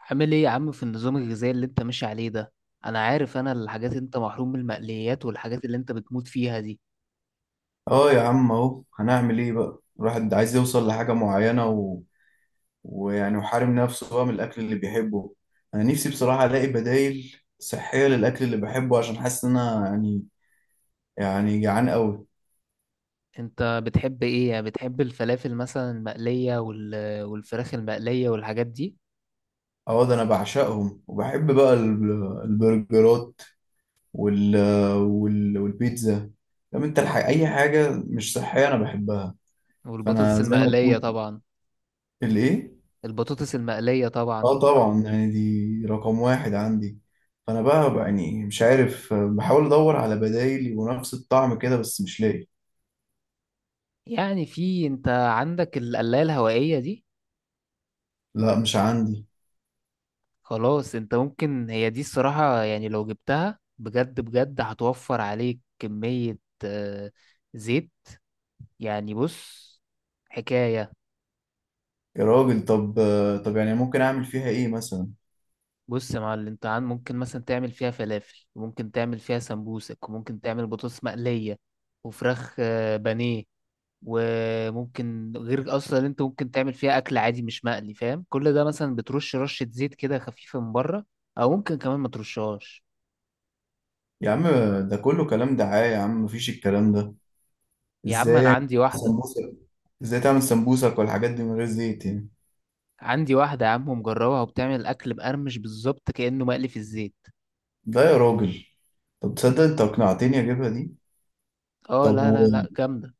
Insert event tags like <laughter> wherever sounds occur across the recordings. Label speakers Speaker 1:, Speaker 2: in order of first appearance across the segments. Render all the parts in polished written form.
Speaker 1: عامل ايه يا عم في النظام الغذائي اللي انت ماشي عليه ده؟ انا عارف، انا الحاجات اللي انت محروم من المقليات والحاجات اللي انت بتموت فيها دي.
Speaker 2: اه يا عم اهو هنعمل ايه بقى. الواحد عايز يوصل لحاجة معينة و... ويعني وحارم نفسه بقى من الأكل اللي بيحبه. أنا نفسي بصراحة ألاقي بدايل صحية للأكل اللي بحبه، عشان حاسس إن أنا يعني جعان أوي.
Speaker 1: انت بتحب ايه؟ يعني بتحب الفلافل مثلا المقلية والفراخ المقلية والحاجات دي،
Speaker 2: اه ده أنا بعشقهم، وبحب بقى البرجرات وال... وال... والبيتزا طب أنت أي حاجة مش صحية أنا بحبها.
Speaker 1: والبطاطس
Speaker 2: فأنا زي ما
Speaker 1: المقلية
Speaker 2: تقول
Speaker 1: طبعا.
Speaker 2: الإيه؟
Speaker 1: البطاطس المقلية طبعا.
Speaker 2: اه طبعا، يعني دي رقم واحد عندي. فانا بقى يعني مش عارف، بحاول ادور على بدايل يبقوا نفس الطعم كده بس مش لاقي.
Speaker 1: يعني في انت عندك القلاية الهوائية دي؟
Speaker 2: لا مش عندي.
Speaker 1: خلاص، انت ممكن هي دي الصراحة، يعني لو جبتها بجد بجد هتوفر عليك كمية آه، زيت. يعني بص، حكاية،
Speaker 2: يا راجل، طب طب يعني ممكن اعمل فيها ايه مثلا؟
Speaker 1: بص يا معلم، انت ممكن مثلا تعمل فيها فلافل، وممكن تعمل فيها سمبوسك، وممكن تعمل بطاطس مقلية وفراخ بانيه. وممكن غير اصلا اللي انت ممكن تعمل فيها اكل عادي مش مقلي، فاهم؟ كل ده مثلا بترش رشة زيت كده خفيفة من بره، او ممكن كمان ما ترشهاش.
Speaker 2: يا عم ده كله كلام دعاية يا عم، مفيش الكلام ده.
Speaker 1: يا عم انا
Speaker 2: ازاي؟
Speaker 1: عندي واحدة.
Speaker 2: سمبوسك؟ ازاي تعمل سمبوسك والحاجات دي من غير زيت يعني؟
Speaker 1: عندي واحدة يا عم مجربها، وبتعمل اكل مقرمش بالظبط كأنه مقلي في الزيت.
Speaker 2: لا يا راجل. طب تصدق انت اقنعتني اجيبها دي.
Speaker 1: اه
Speaker 2: طب
Speaker 1: لا لا لا، جامدة.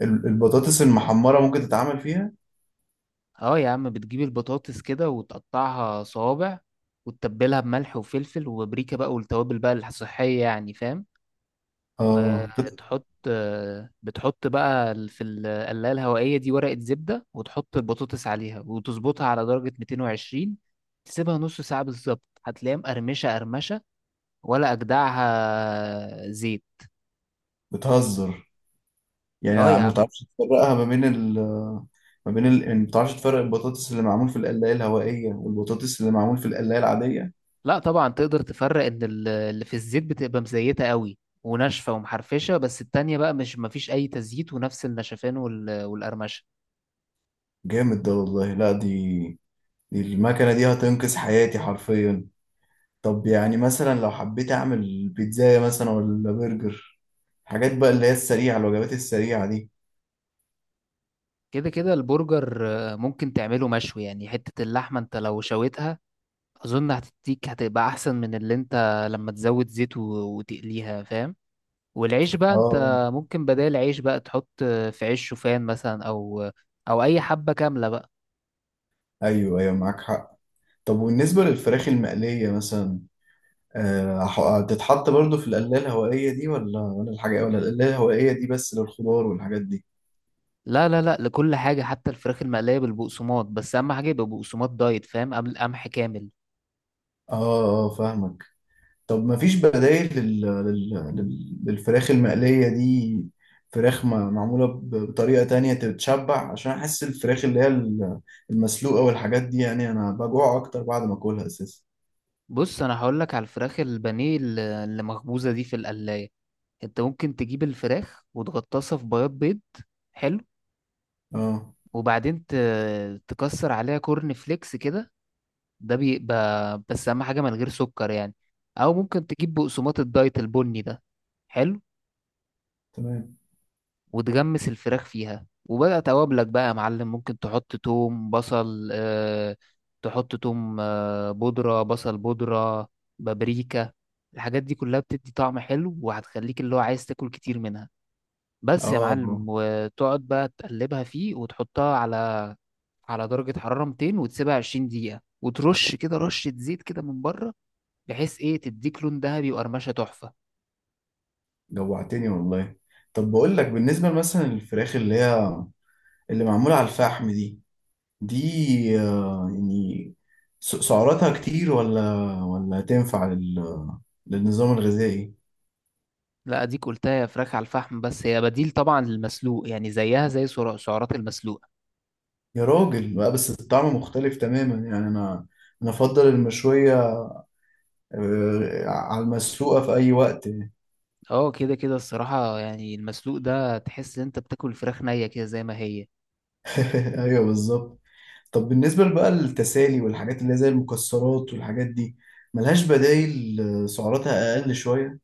Speaker 2: والبطاطس المحمرة ممكن تتعمل فيها؟
Speaker 1: اه يا عم، بتجيب البطاطس كده وتقطعها صوابع، وتتبلها بملح وفلفل وبابريكا بقى، والتوابل بقى الصحية يعني، فاهم؟
Speaker 2: اه
Speaker 1: وتحط، بتحط بقى في القلاية الهوائية دي ورقة زبدة، وتحط البطاطس عليها، وتظبطها على درجة 220. تسيبها نص ساعة بالظبط، هتلاقيها مقرمشة قرمشة، ولا أجدعها زيت.
Speaker 2: بتهزر. يعني
Speaker 1: اه
Speaker 2: أنا
Speaker 1: يا
Speaker 2: ما
Speaker 1: عم.
Speaker 2: تعرفش تفرقها ما بين يعني ما تعرفش تفرق البطاطس اللي معمول في القلاية الهوائية والبطاطس اللي معمول في القلاية العادية.
Speaker 1: لا طبعا، تقدر تفرق ان اللي في الزيت بتبقى مزيته قوي وناشفه ومحرفشه، بس التانية بقى مش، مفيش اي تزييت، ونفس النشفان والقرمشه.
Speaker 2: جامد ده والله. لا دي دي المكنة دي هتنقذ حياتي حرفيا. طب يعني مثلا لو حبيت اعمل بيتزاية مثلا ولا برجر، حاجات بقى اللي هي السريعة، الوجبات السريعة دي.
Speaker 1: كده كده البرجر ممكن تعمله مشوي، يعني حته اللحمه انت لو شويتها، اظن هتديك، هتبقى احسن من اللي انت لما تزود زيت وتقليها، فاهم؟ والعيش بقى انت
Speaker 2: اه
Speaker 1: ممكن بدال عيش بقى تحط في عيش شوفان مثلا، او اي حبه كامله بقى.
Speaker 2: ايوه ايوه معاك حق. طب وبالنسبة للفراخ المقلية مثلا، هتتحط برضو في القلاية الهوائية دي ولا الحاجة، ولا القلاية الهوائية دي بس للخضار والحاجات دي؟
Speaker 1: لا لا لا، لكل حاجة، حتى الفراخ المقلية بالبقسماط، بس أهم حاجة يبقى بقسماط دايت، فاهم؟ قبل قمح كامل.
Speaker 2: اه اه فاهمك. طب ما فيش بدائل للفراخ المقلية دي؟ فراخ ما... معمولة بطريقة تانية تتشبع، عشان أحس الفراخ اللي هي المسلوقة والحاجات دي يعني أنا بجوع أكتر بعد ما أكلها أساسا.
Speaker 1: بص، أنا هقولك على الفراخ البانيه اللي مخبوزة دي في القلاية. أنت ممكن تجيب الفراخ وتغطسها في بياض بيض، حلو
Speaker 2: اه.
Speaker 1: وبعدين تكسر عليها كورن فليكس كده. ده بيبقى، بس أهم حاجة من غير سكر يعني. أو ممكن تجيب بقسماط الدايت البني ده، حلو
Speaker 2: تمام.
Speaker 1: وتغمس الفراخ فيها، وبقى توابلك بقى يا معلم، ممكن تحط توم بصل آه، تحط توم بودرة، بصل بودرة، بابريكا. الحاجات دي كلها بتدي طعم حلو، وهتخليك اللي هو عايز تاكل كتير منها.
Speaker 2: اه.
Speaker 1: بس يا معلم،
Speaker 2: آه،.
Speaker 1: وتقعد بقى تقلبها فيه، وتحطها على درجة حرارة 200، وتسيبها 20 دقيقة، وترش كده رشة زيت كده من بره، بحيث ايه، تديك لون ذهبي وقرمشة تحفة.
Speaker 2: جوعتني والله. طب بقول لك، بالنسبة مثلا للفراخ اللي هي اللي معمولة على الفحم دي، دي آه يعني سعراتها كتير؟ ولا ولا تنفع للنظام الغذائي؟
Speaker 1: لا اديك قلتها، يا فراخ على الفحم، بس هي بديل طبعا للمسلوق، يعني زيها زي سعرات المسلوق.
Speaker 2: يا راجل بقى، بس الطعم مختلف تماما. يعني انا افضل المشوية على المسلوقة في اي وقت.
Speaker 1: اه كده كده، الصراحة يعني المسلوق ده تحس ان انت بتاكل فراخ نية كده زي ما هي.
Speaker 2: <laughs> ايوه بالظبط. طب بالنسبة بقى للتسالي والحاجات اللي هي زي المكسرات والحاجات دي، ملهاش بدايل؟ سعراتها أقل شوية؟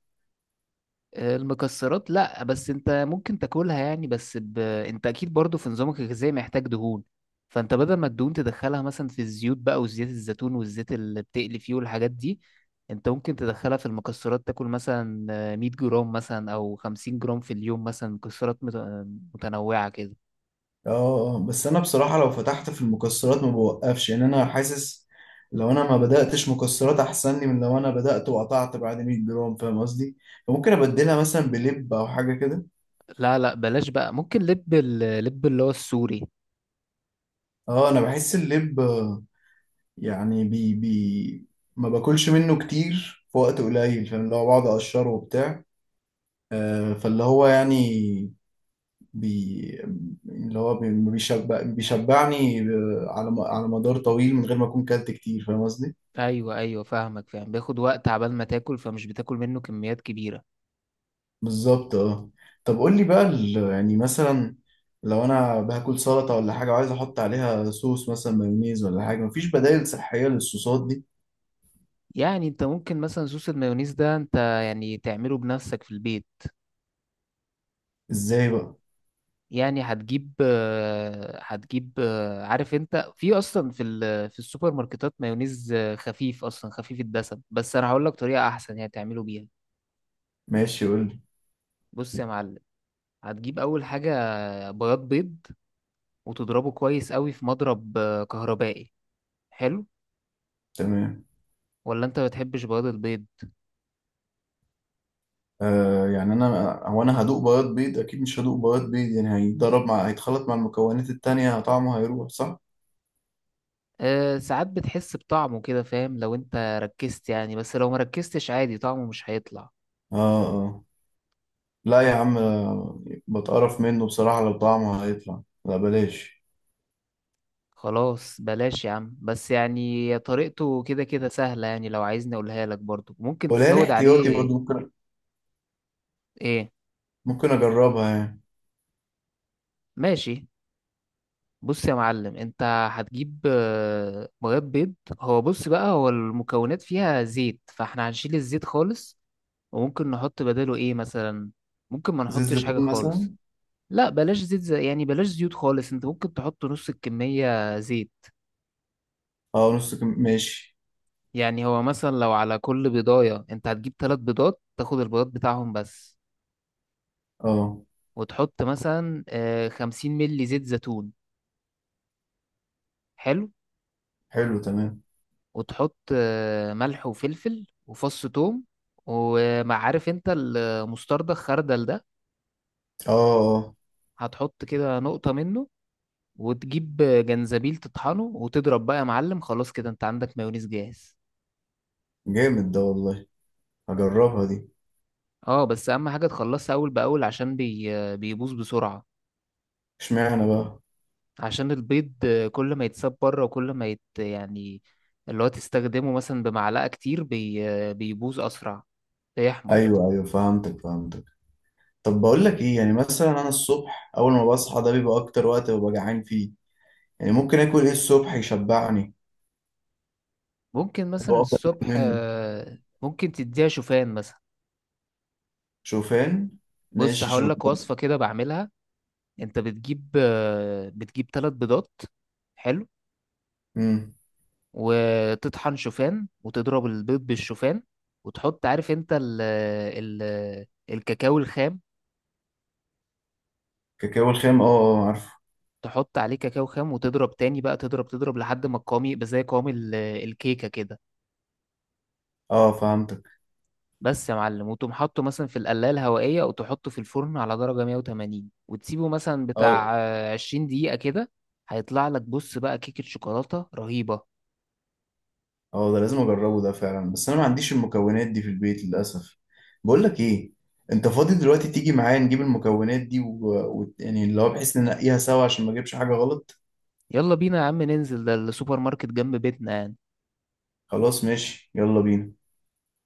Speaker 1: المكسرات لا، بس انت ممكن تاكلها يعني، بس انت اكيد برضو في نظامك الغذائي محتاج دهون. فانت بدل ما الدهون تدخلها مثلا في الزيوت بقى، وزيت الزيتون، والزيت اللي بتقلي فيه، والحاجات دي، انت ممكن تدخلها في المكسرات، تاكل مثلا 100 جرام مثلا، او 50 جرام في اليوم، مثلا مكسرات متنوعة كده.
Speaker 2: اه بس أنا بصراحة لو فتحت في المكسرات ما بوقفش. يعني أنا حاسس لو أنا ما بدأتش مكسرات أحسن لي من لو أنا بدأت وقطعت بعد 100 جرام، فاهم قصدي؟ فممكن أبدلها مثلا بلب أو حاجة كده.
Speaker 1: لا لا بلاش بقى، ممكن لب، لب اللي هو السوري.
Speaker 2: اه أنا بحس اللب يعني بي ما باكلش منه كتير في وقت قليل، فاهم؟ اللي هو بقعد اقشره وبتاع، فاللي هو يعني بي اللي هو بي- بيشبع، بيشبعني على مدار طويل من غير ما اكون كلت كتير، فاهم قصدي؟
Speaker 1: ايوه ايوه، فاهمك، فاهم بياخد وقت عبال ما تاكل، فمش بتاكل منه كميات كبيره.
Speaker 2: بالظبط اه. طب قول لي بقى، يعني مثلا لو انا باكل سلطه ولا حاجه وعايز احط عليها صوص مثلا مايونيز ولا حاجه، مفيش بدائل صحيه للصوصات دي؟
Speaker 1: يعني انت ممكن مثلا صوص المايونيز ده انت يعني تعمله بنفسك في البيت.
Speaker 2: ازاي بقى؟
Speaker 1: يعني هتجيب عارف انت، في اصلا في في السوبر ماركتات مايونيز خفيف، اصلا خفيف الدسم، بس انا هقول لك طريقه احسن يعني تعمله بيها.
Speaker 2: ماشي قول لي.
Speaker 1: بص يا معلم، هتجيب اول حاجه بياض بيض، وتضربه كويس قوي في مضرب كهربائي. حلو
Speaker 2: تمام.
Speaker 1: ولا انت ما بتحبش بياض البيض؟
Speaker 2: آه يعني انا، انا هدوق بياض بيض؟ اكيد مش هدوق بياض بيض، يعني هيتضرب مع، هيتخلط مع المكونات التانية، طعمه هيروح صح؟
Speaker 1: أه ساعات بتحس بطعمه كده، فاهم؟ لو انت ركزت يعني، بس لو ما ركزتش عادي طعمه مش هيطلع.
Speaker 2: اه اه. لا يا عم، بتقرف منه بصراحة. لو طعمه هيطلع لا بلاش.
Speaker 1: خلاص بلاش يا عم، بس يعني طريقته كده كده سهلة، يعني لو عايزني اقولها لك، برضو ممكن
Speaker 2: ولا انا
Speaker 1: تزود
Speaker 2: احتياطي
Speaker 1: عليه.
Speaker 2: برضو ممكن.
Speaker 1: ايه؟
Speaker 2: ممكن اجربها يعني.
Speaker 1: ماشي. بص يا معلم، انت هتجيب بياض بيض. هو بص بقى، هو المكونات فيها زيت، فاحنا هنشيل الزيت خالص، وممكن نحط بداله ايه مثلا؟ ممكن ما
Speaker 2: زيت
Speaker 1: نحطش حاجة
Speaker 2: زيتون مثلا؟
Speaker 1: خالص. لا بلاش زيت زي، يعني بلاش زيوت خالص، انت ممكن تحط نص الكمية زيت.
Speaker 2: اه نص كم؟ ماشي.
Speaker 1: يعني هو مثلا لو على كل بيضاية انت هتجيب ثلاث بيضات، تاخد البيضات بتاعهم بس،
Speaker 2: اه
Speaker 1: وتحط مثلا 50 مل زيت زيتون. حلو
Speaker 2: حلو تمام.
Speaker 1: وتحط ملح وفلفل وفص ثوم. وما عارف، انت المستردة، الخردل ده،
Speaker 2: اه اه
Speaker 1: هتحط كده نقطة منه، وتجيب جنزبيل تطحنه، وتضرب بقى يا معلم، خلاص كده انت عندك مايونيز جاهز.
Speaker 2: جامد ده والله، هجربها دي.
Speaker 1: اه، بس اهم حاجة تخلصها اول باول، عشان بيبوظ بسرعة.
Speaker 2: اشمعنى بقى؟
Speaker 1: عشان البيض كل ما يتساب بره، وكل ما يت... يعني اللي هو تستخدمه مثلا بمعلقة كتير بيبوظ اسرع، بيحمض.
Speaker 2: ايوه ايوه فهمتك فهمتك. طب بقول لك ايه، يعني مثلا انا الصبح اول ما بصحى ده بيبقى اكتر وقت ببقى جعان فيه. يعني ممكن اكل ايه الصبح يشبعني؟
Speaker 1: ممكن
Speaker 2: اللي
Speaker 1: مثلا
Speaker 2: هو افضل آكل
Speaker 1: الصبح
Speaker 2: منه؟
Speaker 1: ممكن تديها شوفان مثلا.
Speaker 2: شوفان؟
Speaker 1: بص،
Speaker 2: ماشي
Speaker 1: هقول لك
Speaker 2: شوفان.
Speaker 1: وصفة كده بعملها. انت بتجيب ثلاث بيضات، حلو
Speaker 2: امم.
Speaker 1: وتطحن شوفان، وتضرب البيض بالشوفان، وتحط، عارف انت الكاكاو الخام؟
Speaker 2: كاكاو الخام اه اه عارفه.
Speaker 1: تحط عليه كاكاو خام، وتضرب تاني بقى، تضرب لحد ما القوام يبقى زي قوام الكيكة كده.
Speaker 2: اه فهمتك.
Speaker 1: بس يا معلم، وتقوم حاطه مثلا في القلاية الهوائية، وتحطه في الفرن على درجة 180، وتسيبه مثلا
Speaker 2: اه
Speaker 1: بتاع 20 دقيقة كده. هيطلع لك، بص بقى، كيكة شوكولاتة رهيبة.
Speaker 2: اه ده لازم اجربه ده فعلا، بس انا ما عنديش المكونات دي في البيت للاسف. بقول لك ايه، انت فاضي دلوقتي تيجي معايا نجيب المكونات دي يعني اللي هو بحيث ننقيها سوا عشان ما اجيبش حاجه غلط؟
Speaker 1: يلا بينا يا عم ننزل، ده السوبر ماركت جنب بيتنا يعني.
Speaker 2: خلاص ماشي يلا بينا.